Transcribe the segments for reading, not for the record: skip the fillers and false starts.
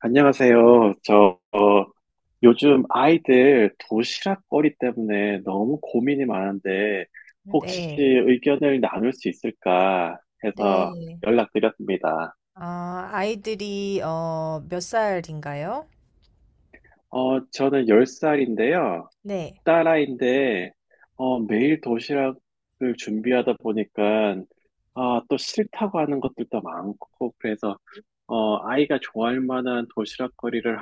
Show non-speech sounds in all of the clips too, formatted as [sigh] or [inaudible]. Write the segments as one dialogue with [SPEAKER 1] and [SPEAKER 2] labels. [SPEAKER 1] 안녕하세요. 저 요즘 아이들 도시락거리 때문에 너무 고민이 많은데
[SPEAKER 2] 네,
[SPEAKER 1] 혹시
[SPEAKER 2] 네,
[SPEAKER 1] 의견을 나눌 수 있을까 해서
[SPEAKER 2] 네.
[SPEAKER 1] 연락드렸습니다.
[SPEAKER 2] 아이들이, 몇 살인가요?
[SPEAKER 1] 저는 10살인데요.
[SPEAKER 2] 네,
[SPEAKER 1] 딸아이인데 매일 도시락을 준비하다 보니까 아, 또 싫다고 하는 것들도 많고 그래서 아이가 좋아할 만한 도시락거리를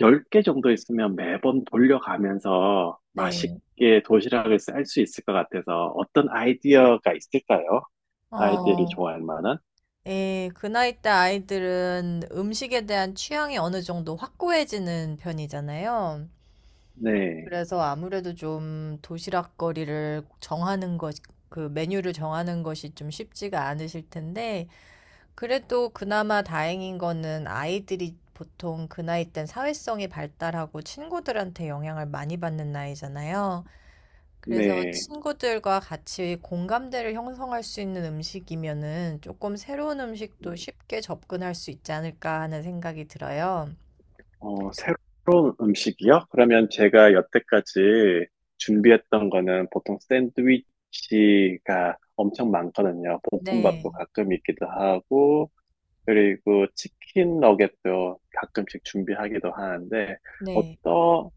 [SPEAKER 1] 10개 정도 있으면 매번 돌려가면서
[SPEAKER 2] 네.
[SPEAKER 1] 맛있게 도시락을 쌀 수 있을 것 같아서 어떤 아이디어가 있을까요? 아이들이
[SPEAKER 2] 어,
[SPEAKER 1] 좋아할 만한?
[SPEAKER 2] 예, 그 나이 때 아이들은 음식에 대한 취향이 어느 정도 확고해지는 편이잖아요.
[SPEAKER 1] 네,
[SPEAKER 2] 그래서 아무래도 좀 도시락거리를 정하는 것, 그 메뉴를 정하는 것이 좀 쉽지가 않으실 텐데, 그래도 그나마 다행인 거는 아이들이 보통 그 나이 땐 사회성이 발달하고 친구들한테 영향을 많이 받는 나이잖아요. 그래서
[SPEAKER 1] 네.
[SPEAKER 2] 친구들과 같이 공감대를 형성할 수 있는 음식이면은 조금 새로운 음식도 쉽게 접근할 수 있지 않을까 하는 생각이 들어요.
[SPEAKER 1] 새로운 음식이요? 그러면 제가 여태까지 준비했던 거는 보통 샌드위치가 엄청 많거든요.
[SPEAKER 2] 네,
[SPEAKER 1] 볶음밥도 가끔 있기도 하고, 그리고 치킨 너겟도 가끔씩 준비하기도 하는데,
[SPEAKER 2] 네.
[SPEAKER 1] 어떤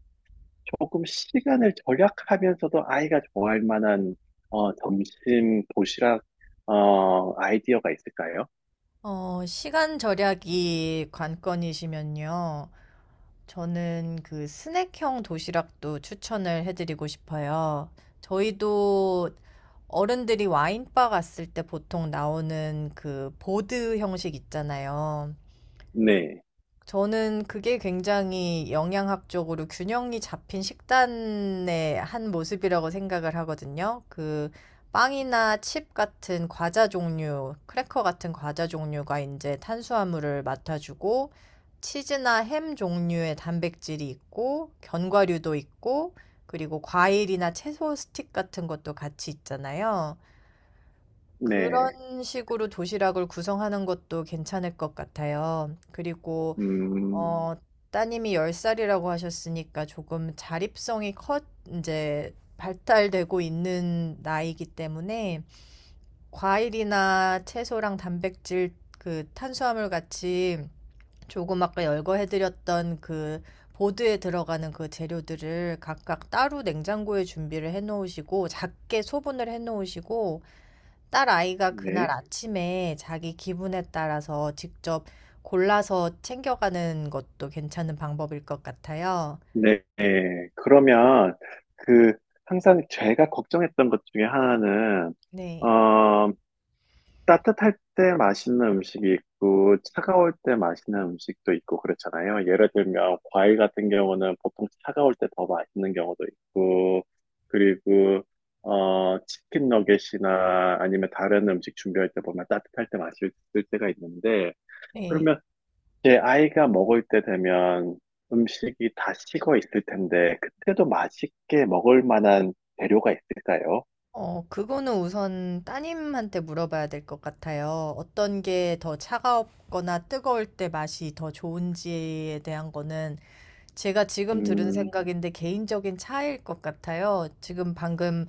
[SPEAKER 1] 조금 시간을 절약하면서도 아이가 좋아할 만한 점심 도시락 아이디어가 있을까요?
[SPEAKER 2] 시간 절약이 관건이시면요. 저는 그 스낵형 도시락도 추천을 해드리고 싶어요. 저희도 어른들이 와인바 갔을 때 보통 나오는 그 보드 형식 있잖아요.
[SPEAKER 1] 네,
[SPEAKER 2] 저는 그게 굉장히 영양학적으로 균형이 잡힌 식단의 한 모습이라고 생각을 하거든요. 그 빵이나 칩 같은 과자 종류, 크래커 같은 과자 종류가 이제 탄수화물을 맡아주고, 치즈나 햄 종류의 단백질이 있고, 견과류도 있고, 그리고 과일이나 채소 스틱 같은 것도 같이 있잖아요.
[SPEAKER 1] 네,
[SPEAKER 2] 그런 식으로 도시락을 구성하는 것도 괜찮을 것 같아요. 그리고
[SPEAKER 1] 음,
[SPEAKER 2] 어, 따님이 10살이라고 하셨으니까 조금 자립성이 커 이제 발달되고 있는 나이이기 때문에 과일이나 채소랑 단백질 그 탄수화물 같이 조금 아까 열거해드렸던 그 보드에 들어가는 그 재료들을 각각 따로 냉장고에 준비를 해놓으시고 작게 소분을 해놓으시고 딸 아이가 그날
[SPEAKER 1] 네,
[SPEAKER 2] 아침에 자기 기분에 따라서 직접 골라서 챙겨가는 것도 괜찮은 방법일 것 같아요.
[SPEAKER 1] 네. 네. 그러면 그 항상 제가 걱정했던 것 중에 하나는
[SPEAKER 2] 네.
[SPEAKER 1] 어, 따뜻할 때 맛있는 음식이 있고, 차가울 때 맛있는 음식도 있고, 그렇잖아요. 예를 들면, 과일 같은 경우는 보통 차가울 때 더 맛있는 경우도 있고, 그리고, 치킨 너겟이나 아니면 다른 음식 준비할 때 보면 따뜻할 때 맛있을 때가 있는데,
[SPEAKER 2] 네.
[SPEAKER 1] 그러면 제 아이가 먹을 때 되면 음식이 다 식어 있을 텐데, 그때도 맛있게 먹을 만한 재료가 있을까요?
[SPEAKER 2] 그거는 우선 따님한테 물어봐야 될 것 같아요. 어떤 게 더 차가웠거나 뜨거울 때 맛이 더 좋은지에 대한 거는 제가 지금 들은
[SPEAKER 1] 음,
[SPEAKER 2] 생각인데 개인적인 차이일 것 같아요. 지금 방금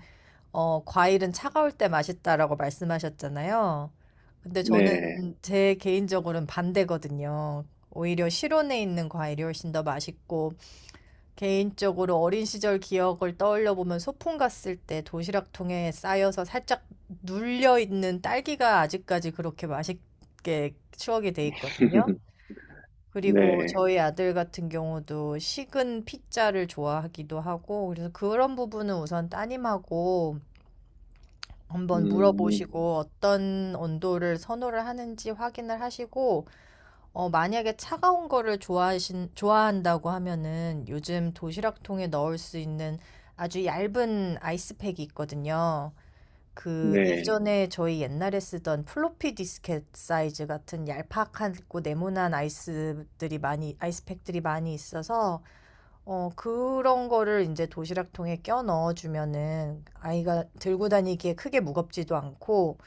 [SPEAKER 2] 과일은 차가울 때 맛있다라고 말씀하셨잖아요. 근데 저는
[SPEAKER 1] 네.
[SPEAKER 2] 제 개인적으로는 반대거든요. 오히려 실온에 있는 과일이 훨씬 더 맛있고, 개인적으로 어린 시절 기억을 떠올려 보면 소풍 갔을 때 도시락통에 쌓여서 살짝 눌려 있는 딸기가 아직까지 그렇게 맛있게 추억이 돼 있거든요.
[SPEAKER 1] [laughs]
[SPEAKER 2] 그리고
[SPEAKER 1] 네.
[SPEAKER 2] 저희 아들 같은 경우도 식은 피자를 좋아하기도 하고, 그래서 그런 부분은 우선 따님하고 한번
[SPEAKER 1] 음,
[SPEAKER 2] 물어보시고 어떤 온도를 선호를 하는지 확인을 하시고, 만약에 차가운 거를 좋아한다고 하면은 요즘 도시락통에 넣을 수 있는 아주 얇은 아이스팩이 있거든요. 그
[SPEAKER 1] 네.
[SPEAKER 2] 예전에 저희 옛날에 쓰던 플로피 디스켓 사이즈 같은 얄팍하고 네모난 아이스들이 많이 아이스팩들이 많이 있어서 그런 거를 이제 도시락통에 껴 넣어주면은 아이가 들고 다니기에 크게 무겁지도 않고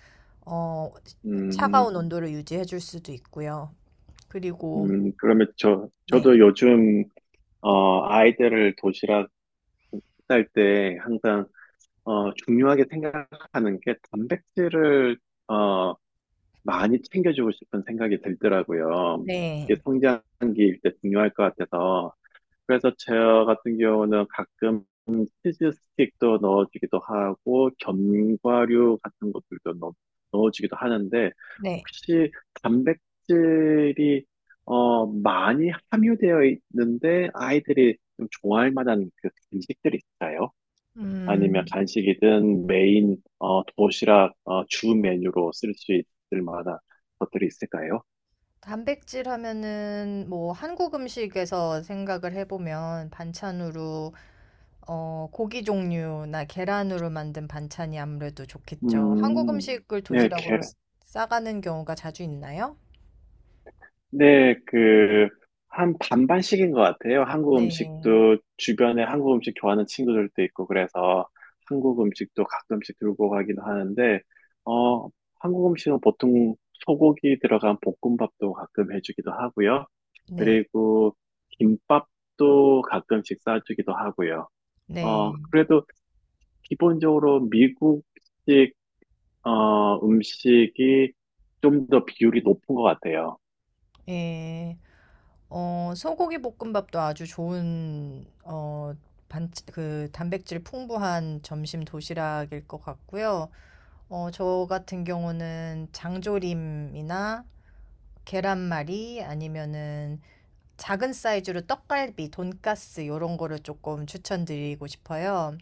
[SPEAKER 2] 어
[SPEAKER 1] 음,
[SPEAKER 2] 차가운 온도를 유지해 줄 수도 있고요. 그리고
[SPEAKER 1] 그러면 저,
[SPEAKER 2] 네.
[SPEAKER 1] 저도 요즘, 아이들을 도시락 쌀 때 항상, 중요하게 생각하는 게 단백질을, 어, 많이 챙겨주고 싶은 생각이 들더라고요.
[SPEAKER 2] 네.
[SPEAKER 1] 이게 성장기일 때 중요할 것 같아서. 그래서 저 같은 경우는 가끔 치즈 스틱도 넣어주기도 하고 견과류 같은 것들도 넣어주기도 하는데
[SPEAKER 2] 네.
[SPEAKER 1] 혹시 단백질이 많이 함유되어 있는데 아이들이 좀 좋아할 만한 그 간식들이 있어요? 아니면
[SPEAKER 2] 음.
[SPEAKER 1] 간식이든 메인 도시락 주 메뉴로 쓸 수 있을 만한 것들이 있을까요?
[SPEAKER 2] 단백질 하면은 뭐 한국 음식에서 생각을 해보면 반찬으로 고기 종류나 계란으로 만든 반찬이 아무래도 좋겠죠. 한국
[SPEAKER 1] 음,
[SPEAKER 2] 음식을
[SPEAKER 1] 네,
[SPEAKER 2] 싸가는 경우가 자주 있나요?
[SPEAKER 1] 네, 그, 한 반반씩인 것 같아요. 한국
[SPEAKER 2] 네.
[SPEAKER 1] 음식도 주변에 한국 음식 좋아하는 친구들도 있고, 그래서 한국 음식도 가끔씩 들고 가기도 하는데, 어, 한국 음식은 보통 소고기 들어간 볶음밥도 가끔 해주기도 하고요.
[SPEAKER 2] 네.
[SPEAKER 1] 그리고 김밥도 가끔씩 싸주기도 하고요.
[SPEAKER 2] 네.
[SPEAKER 1] 그래도 기본적으로 미국식, 음식이 좀 더 비율이 높은 것 같아요.
[SPEAKER 2] 예. 소고기 볶음밥도 아주 좋은 그 단백질 풍부한 점심 도시락일 것 같고요. 저 같은 경우는 장조림이나 계란말이 아니면은 작은 사이즈로 떡갈비, 돈가스 요런 거를 조금 추천드리고 싶어요.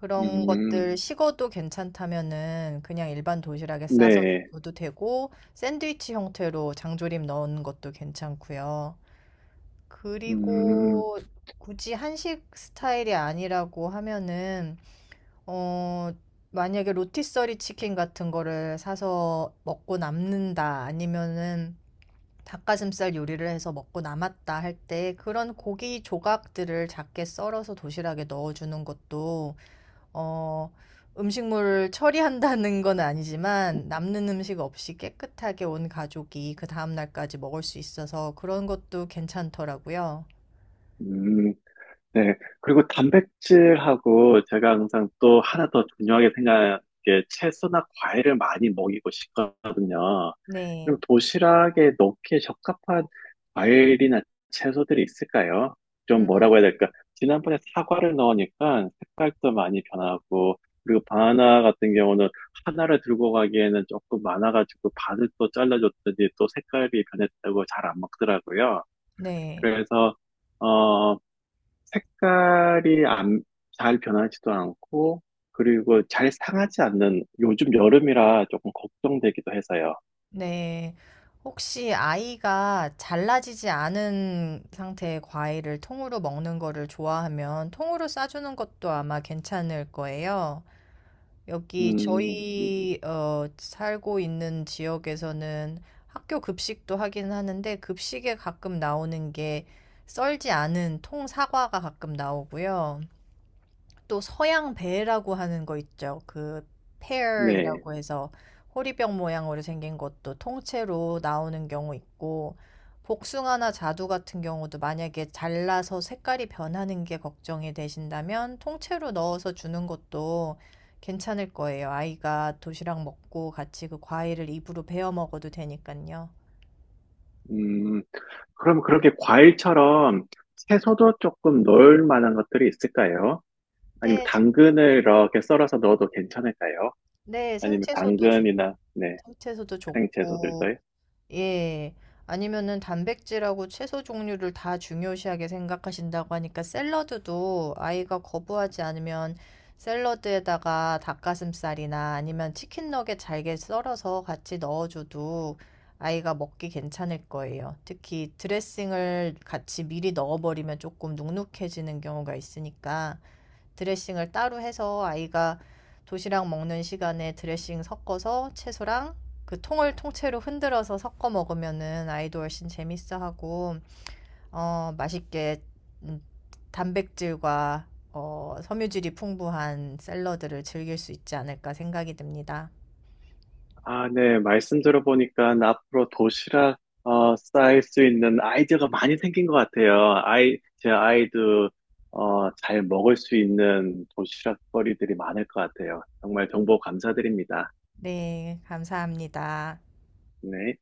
[SPEAKER 2] 그런
[SPEAKER 1] 음,
[SPEAKER 2] 것들 식어도 괜찮다면은 그냥 일반 도시락에 싸서
[SPEAKER 1] 네.
[SPEAKER 2] 넣어도 되고 샌드위치 형태로 장조림 넣은 것도 괜찮고요.
[SPEAKER 1] 음,
[SPEAKER 2] 그리고 굳이 한식 스타일이 아니라고 하면은 어 만약에 로티서리 치킨 같은 거를 사서 먹고 남는다 아니면은 닭가슴살 요리를 해서 먹고 남았다 할 때 그런 고기 조각들을 작게 썰어서 도시락에 넣어주는 것도 어, 음식물을 처리한다는 건 아니지만 남는 음식 없이 깨끗하게 온 가족이 그 다음 날까지 먹을 수 있어서 그런 것도 괜찮더라고요.
[SPEAKER 1] 음, 네. 그리고 단백질하고 제가 항상 또 하나 더 중요하게 생각하는 게 채소나 과일을 많이 먹이고 싶거든요.
[SPEAKER 2] 네.
[SPEAKER 1] 그럼 도시락에 넣기에 적합한 과일이나 채소들이 있을까요? 좀
[SPEAKER 2] 음,
[SPEAKER 1] 뭐라고 해야 될까? 지난번에 사과를 넣으니까 색깔도 많이 변하고, 그리고 바나나 같은 경우는 하나를 들고 가기에는 조금 많아가지고 반을 또 잘라줬더니 또 색깔이 변했다고 잘 안 먹더라고요.
[SPEAKER 2] 네.
[SPEAKER 1] 그래서 어 색깔이 안, 잘 변하지도 않고 그리고 잘 상하지 않는 요즘 여름이라 조금 걱정되기도 해서요.
[SPEAKER 2] 네. 혹시 아이가 잘라지지 않은 상태의 과일을 통으로 먹는 거를 좋아하면 통으로 싸주는 것도 아마 괜찮을 거예요. 여기
[SPEAKER 1] 음,
[SPEAKER 2] 저희 살고 있는 지역에서는 학교 급식도 하긴 하는데 급식에 가끔 나오는 게 썰지 않은 통 사과가 가끔 나오고요. 또 서양 배라고 하는 거 있죠. 그
[SPEAKER 1] 네.
[SPEAKER 2] 페어이라고 해서 호리병 모양으로 생긴 것도 통째로 나오는 경우 있고 복숭아나 자두 같은 경우도 만약에 잘라서 색깔이 변하는 게 걱정이 되신다면 통째로 넣어서 주는 것도 괜찮을 거예요. 아이가 도시락 먹고 같이 그 과일을 입으로 베어 먹어도 되니까요.
[SPEAKER 1] 음, 그럼 그렇게 과일처럼 채소도 조금 넣을 만한 것들이 있을까요? 아니면
[SPEAKER 2] 네, 제-
[SPEAKER 1] 당근을 이렇게 썰어서 넣어도 괜찮을까요?
[SPEAKER 2] 네,
[SPEAKER 1] 아니면
[SPEAKER 2] 생채소도 좋,
[SPEAKER 1] 당근이나 네,
[SPEAKER 2] 생채소도
[SPEAKER 1] 생 채소들도
[SPEAKER 2] 좋고 예. 아니면은 단백질하고 채소 종류를 다 중요시하게 생각하신다고 하니까 샐러드도 아이가 거부하지 않으면 샐러드에다가 닭가슴살이나 아니면 치킨 너겟 잘게 썰어서 같이 넣어줘도 아이가 먹기 괜찮을 거예요. 특히 드레싱을 같이 미리 넣어버리면 조금 눅눅해지는 경우가 있으니까 드레싱을 따로 해서 아이가 도시락 먹는 시간에 드레싱 섞어서 채소랑 그 통을 통째로 흔들어서 섞어 먹으면은 아이도 훨씬 재밌어 하고 맛있게 음, 단백질과 섬유질이 풍부한 샐러드를 즐길 수 있지 않을까 생각이 듭니다.
[SPEAKER 1] 아, 네. 말씀 들어보니까 앞으로 도시락 쌓일 수 있는 아이디어가 많이 생긴 것 같아요. 아이, 제 아이도 잘 먹을 수 있는 도시락거리들이 많을 것 같아요. 정말 정보 감사드립니다.
[SPEAKER 2] 네, 감사합니다.
[SPEAKER 1] 네.